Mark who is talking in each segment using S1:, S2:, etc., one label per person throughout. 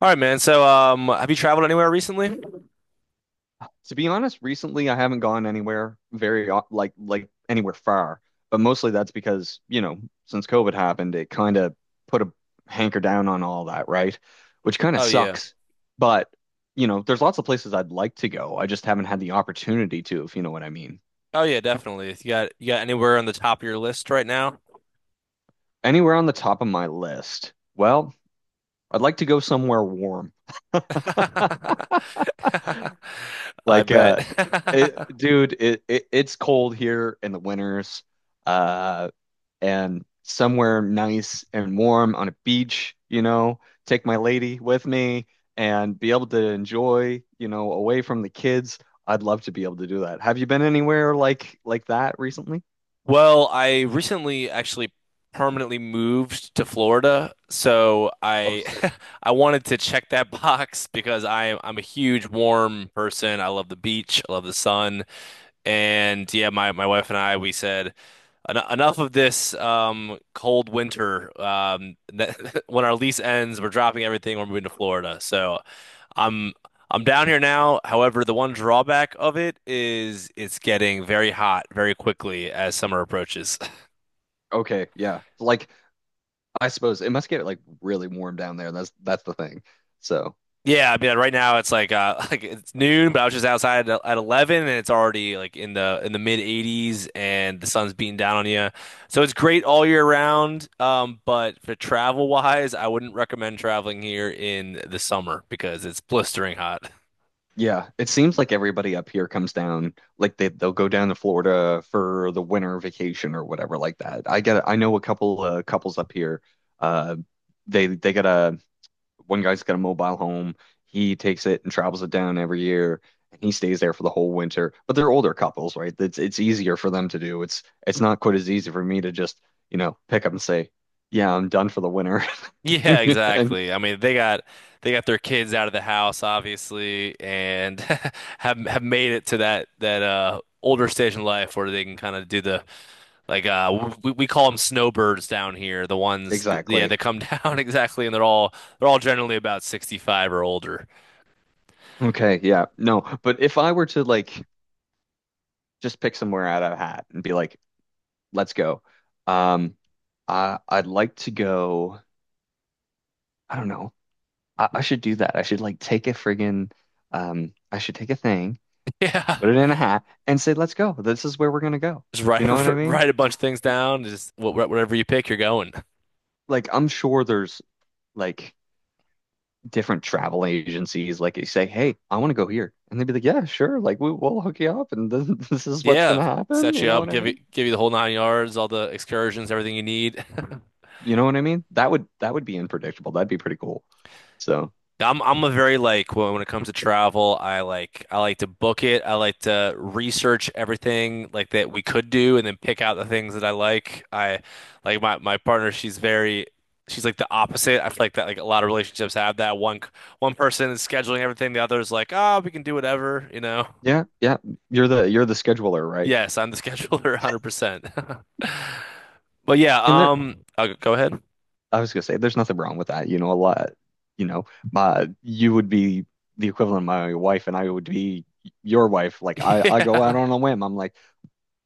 S1: All right, man. So, have you traveled anywhere recently?
S2: To be honest, recently I haven't gone anywhere very o- like anywhere far, but mostly that's because, since COVID happened, it kind of put a hanker down on all that, right? Which kind of
S1: Oh yeah.
S2: sucks. But, you know, there's lots of places I'd like to go. I just haven't had the opportunity to, if you know what I mean.
S1: Oh yeah, definitely. You got anywhere on the top of your list right now?
S2: Anywhere on the top of my list. Well, I'd like to go somewhere warm.
S1: I
S2: Like
S1: bet.
S2: uh it, dude, it's cold here in the winters. Uh and somewhere nice and warm on a beach, you know, take my lady with me and be able to enjoy, you know, away from the kids. I'd love to be able to do that. Have you been anywhere like that recently?
S1: Well, I recently actually permanently moved to Florida, so
S2: Oh,
S1: I
S2: sick.
S1: I wanted to check that box because I'm a huge warm person. I love the beach, I love the sun. And yeah, my wife and I, we said, "Enough of this cold winter. When our lease ends, we're dropping everything. We're moving to Florida. So I'm I'm down here now. However, the one drawback of it is it's getting very hot very quickly as summer approaches.
S2: Okay, yeah. Like I suppose it must get like really warm down there. That's the thing. So.
S1: Yeah, I mean, right now it's like like it's noon, but I was just outside at 11 and it's already like in the mid 80s and the sun's beating down on you. So it's great all year round, but for travel wise, I wouldn't recommend traveling here in the summer because it's blistering hot.
S2: Yeah, it seems like everybody up here comes down, like they'll go down to Florida for the winter vacation or whatever like that. I know a couple couples up here. Uh, they got a one guy's got a mobile home. He takes it and travels it down every year, and he stays there for the whole winter. But they're older couples, right? It's easier for them to do. It's not quite as easy for me to just, you know, pick up and say, "Yeah, I'm done for the winter."
S1: Yeah,
S2: And
S1: exactly. I mean, they got their kids out of the house obviously and have made it to that older stage in life where they can kind of do the Like we call them snowbirds down here. The ones, th yeah, they
S2: exactly.
S1: come down exactly, and they're all generally about 65 or older.
S2: Okay, yeah. No, but if I were to like just pick somewhere out of a hat and be like, let's go. Um, I'd like to go. I don't know. I should do that. I should like take a friggin' I should take a thing,
S1: Yeah,
S2: put it in a hat, and say, let's go. This is where we're gonna go.
S1: just
S2: You
S1: write
S2: know what I mean?
S1: write a bunch of things down. Just whatever you pick, you're going.
S2: Like I'm sure there's like different travel agencies. Like you say, hey, I want to go here, and they'd be like, yeah, sure. Like we'll hook you up, and this, this is what's
S1: Yeah,
S2: gonna happen.
S1: set
S2: You
S1: you
S2: know
S1: up,
S2: what I
S1: give you
S2: mean?
S1: give you the whole nine yards, all the excursions, everything you need.
S2: You know what I mean? That would be unpredictable. That'd be pretty cool. So.
S1: I'm a very like when it comes to travel, I like to book it. I like to research everything like that we could do and then pick out the things that I like. I like my partner, she's like the opposite. I feel like that like a lot of relationships have that one person is scheduling everything, the other is like, "Ah, we can do whatever."
S2: Yeah, yeah. You're the scheduler, right?
S1: Yes, I'm the scheduler 100%. But yeah,
S2: And there
S1: I'll go ahead.
S2: I was gonna say there's nothing wrong with that. You know, a lot, you know, my You would be the equivalent of my wife and I would be your wife. Like I go out
S1: Yeah.
S2: on a whim. I'm like,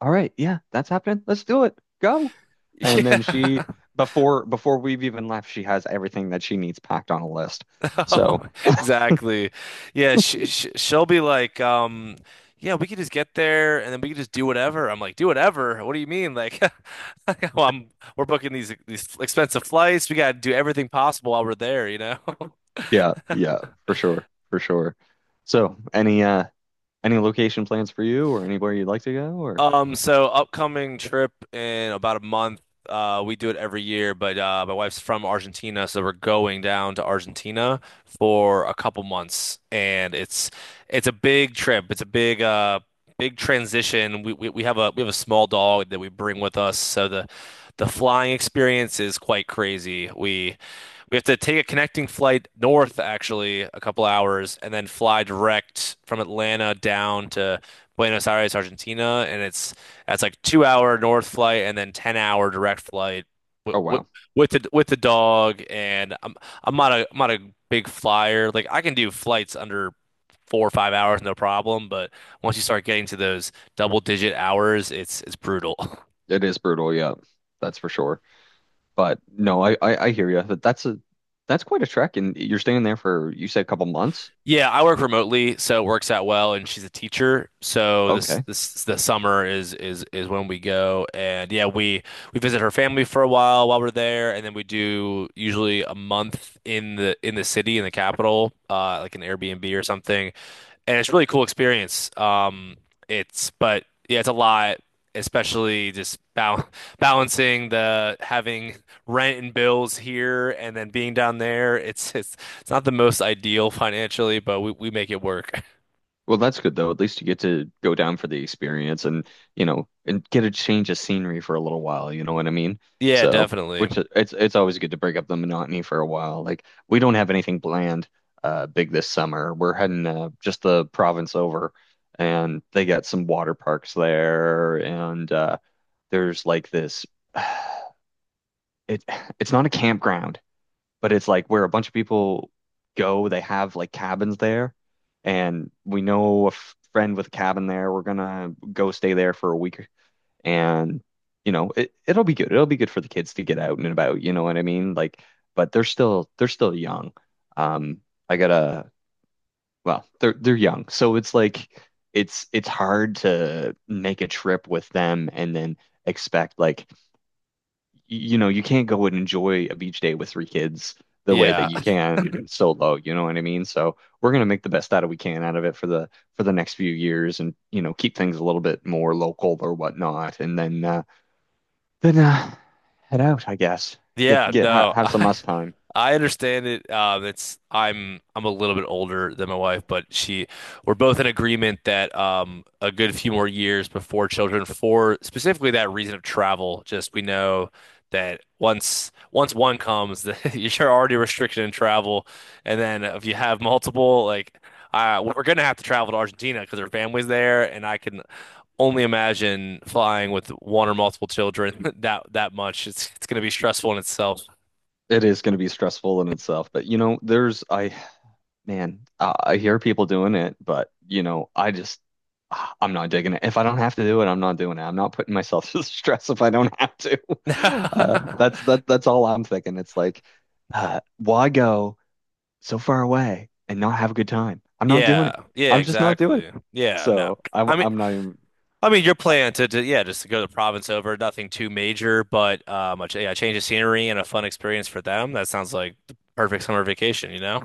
S2: all right, yeah, that's happening. Let's do it. Go. And then she
S1: Yeah.
S2: before we've even left, she has everything that she needs packed on a list. So
S1: Exactly. Yeah, she sh she'll be like, yeah, we could just get there and then we could just do whatever. I'm like, do whatever? What do you mean? Like, like, well, I'm we're booking these expensive flights. We got to do everything possible while we're there, you know?
S2: yeah, yeah, for sure. For sure. So any location plans for you or anywhere you'd like to go or
S1: So upcoming trip in about a month. We do it every year, but my wife's from Argentina, so we're going down to Argentina for a couple months, and it's a big trip. It's a big transition. We have a small dog that we bring with us, so the flying experience is quite crazy. We have to take a connecting flight north, actually, a couple hours, and then fly direct from Atlanta down to Buenos Aires, Argentina. And it's that's like 2 hour north flight and then 10-hour direct flight with,
S2: oh
S1: with
S2: wow.
S1: with the dog. And I'm not a big flyer. Like I can do flights under 4 or 5 hours, no problem. But once you start getting to those double digit hours, it's brutal.
S2: It is brutal, yeah, that's for sure. But no, I hear you. But that's a that's quite a trek, and you're staying there for you said a couple months.
S1: Yeah, I work remotely, so it works out well. And she's a teacher, so this
S2: Okay,
S1: this the summer is when we go. And yeah, we visit her family for a while we're there, and then we do usually a month in the city in the capital, like an Airbnb or something, and it's a really cool experience. It's But yeah, it's a lot, especially just bal balancing the having rent and bills here and then being down there. It's not the most ideal financially, but we make it work.
S2: well that's good though. At least you get to go down for the experience, and you know, and get a change of scenery for a little while. You know what I mean?
S1: Yeah,
S2: So,
S1: definitely.
S2: which it's always good to break up the monotony for a while. Like we don't have anything planned big this summer. We're heading just the province over, and they got some water parks there, and there's like this. it it's not a campground, but it's like where a bunch of people go. They have like cabins there, and we know a friend with a cabin there. We're gonna go stay there for a week, and you know it'll be good. It'll be good for the kids to get out and about. You know what I mean? Like, but they're still young. Um, I gotta they're young, so it's like it's hard to make a trip with them and then expect like you know, you can't go and enjoy a beach day with three kids the way that
S1: Yeah.
S2: you can solo, you know what I mean? So we're gonna make the best out of we can out of it for the next few years and you know, keep things a little bit more local or whatnot and then then uh head out, I guess.
S1: Yeah,
S2: Get ha
S1: no.
S2: have some us time.
S1: I understand it. It's I'm a little bit older than my wife, but she we're both in agreement that a good few more years before children for specifically that reason of travel. Just we know that once one comes, that you're already restricted in travel, and then if you have multiple, like we're gonna have to travel to Argentina because her family's there, and I can only imagine flying with one or multiple children that much. It's going to be stressful in itself.
S2: It is gonna be stressful in itself, but you know, there's I Man, I hear people doing it, but you know, I'm not digging it. If I don't have to do it, I'm not doing it. I'm not putting myself through the stress if I don't have to. That's all I'm thinking. It's like, why go so far away and not have a good time? I'm not doing
S1: Yeah,
S2: it.
S1: yeah,
S2: I'm just not doing it.
S1: exactly. Yeah, no.
S2: So
S1: I mean,
S2: I'm not even.
S1: your plan to just to go to the province over, nothing too major, but a change of scenery and a fun experience for them. That sounds like the perfect summer vacation, you know?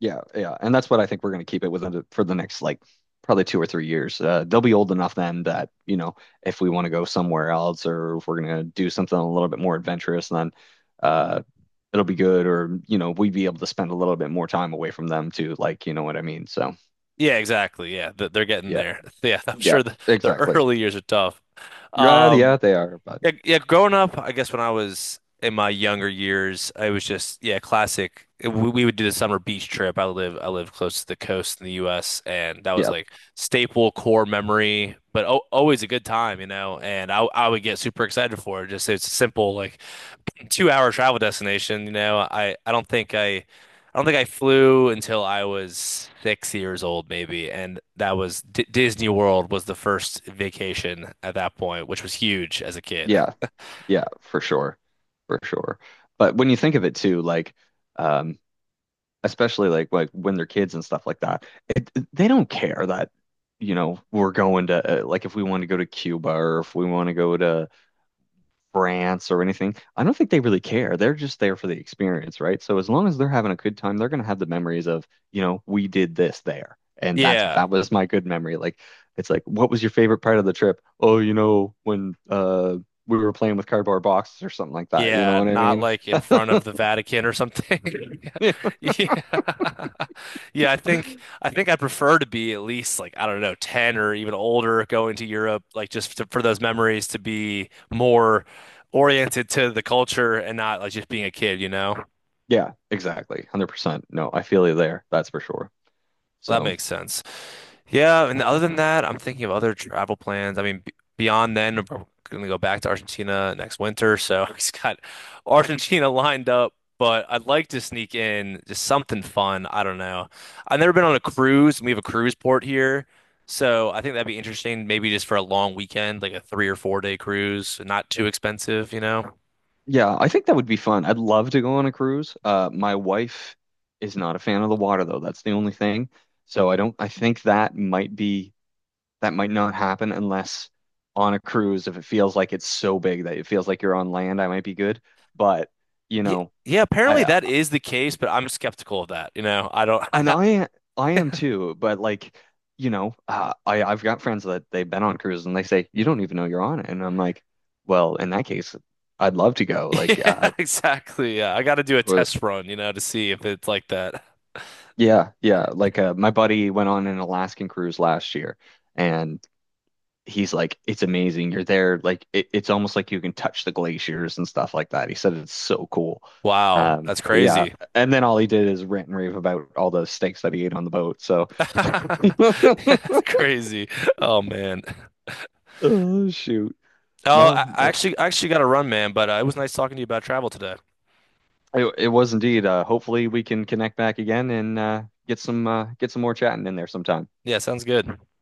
S2: Yeah, yeah, and that's what I think we're going to keep it within the, for the next like probably 2 or 3 years. They'll be old enough then that you know if we want to go somewhere else or if we're going to do something a little bit more adventurous, then uh, it'll be good. Or you know we'd be able to spend a little bit more time away from them too. Like you know what I mean? So
S1: Yeah, exactly. Yeah, they're getting
S2: yeah,
S1: there. Yeah, I'm
S2: yeah,
S1: sure the
S2: exactly.
S1: early years are tough.
S2: Yeah, yeah,
S1: Um,
S2: they are, but
S1: yeah, yeah, growing up, I guess when I was in my younger years, I was just yeah, classic. We would do the summer beach trip. I live close to the coast in the U.S. and that was
S2: yeah,
S1: like staple core memory, but o always a good time. And I would get super excited for it. Just it's simple, like 2 hour travel destination. You know, I don't think I flew until I was 6 years old, maybe, and that was D Disney World was the first vacation at that point, which was huge as a kid.
S2: yeah, yeah, for sure, for sure. But when you think of it too, like um, especially like when they're kids and stuff like that. They don't care that, you know, we're going to like if we want to go to Cuba or if we want to go to France or anything. I don't think they really care. They're just there for the experience, right? So as long as they're having a good time, they're going to have the memories of, you know, we did this there. And that's
S1: Yeah.
S2: that was my good memory. Like it's like, what was your favorite part of the trip? Oh, you know, when we were playing with cardboard boxes or something like that. You know
S1: Yeah,
S2: what I
S1: not
S2: mean?
S1: like in front of the Vatican or something. Yeah. Yeah, I think I prefer to be at least like I don't know, 10 or even older going to Europe like just for those memories to be more oriented to the culture and not like just being a kid, you know?
S2: Yeah, exactly. 100%. No, I feel you there. That's for sure.
S1: That
S2: So,
S1: makes sense. Yeah, and other than that, I'm thinking of other travel plans. I mean, b beyond then, we're gonna go back to Argentina next winter, so he's got Argentina lined up. But I'd like to sneak in just something fun. I don't know. I've never been on a cruise, and we have a cruise port here, so I think that'd be interesting. Maybe just for a long weekend, like a 3 or 4 day cruise, not too expensive, you know.
S2: yeah, I think that would be fun. I'd love to go on a cruise. My wife is not a fan of the water, though. That's the only thing. So, I don't, I think that might be, that might not happen unless on a cruise, if it feels like it's so big that it feels like you're on land, I might be good. But, you
S1: Ye-
S2: know,
S1: Yeah, apparently
S2: I,
S1: that is the case, but I'm skeptical of that. You know, I don't.
S2: And I I am too, but like, you know, I've got friends that they've been on cruises and they say you don't even know you're on it, and I'm like, well, in that case, I'd love to go. Like,
S1: Yeah, exactly. Yeah, I got to do a
S2: who-
S1: test run, you know, to see if it's like that.
S2: yeah, yeah. Like, my buddy went on an Alaskan cruise last year, and he's like, it's amazing. You're there, like it's almost like you can touch the glaciers and stuff like that. He said it's so cool.
S1: Wow, that's
S2: Yeah,
S1: crazy.
S2: and then all he did is rant and rave about all the steaks that he ate on the boat. So,
S1: That's crazy. Oh man.
S2: oh shoot.
S1: Oh,
S2: No,
S1: I I
S2: no,
S1: actually I actually got to run, man, but it was nice talking to you about travel today.
S2: it was indeed. Hopefully, we can connect back again and get some more chatting in there sometime.
S1: Yeah, sounds good.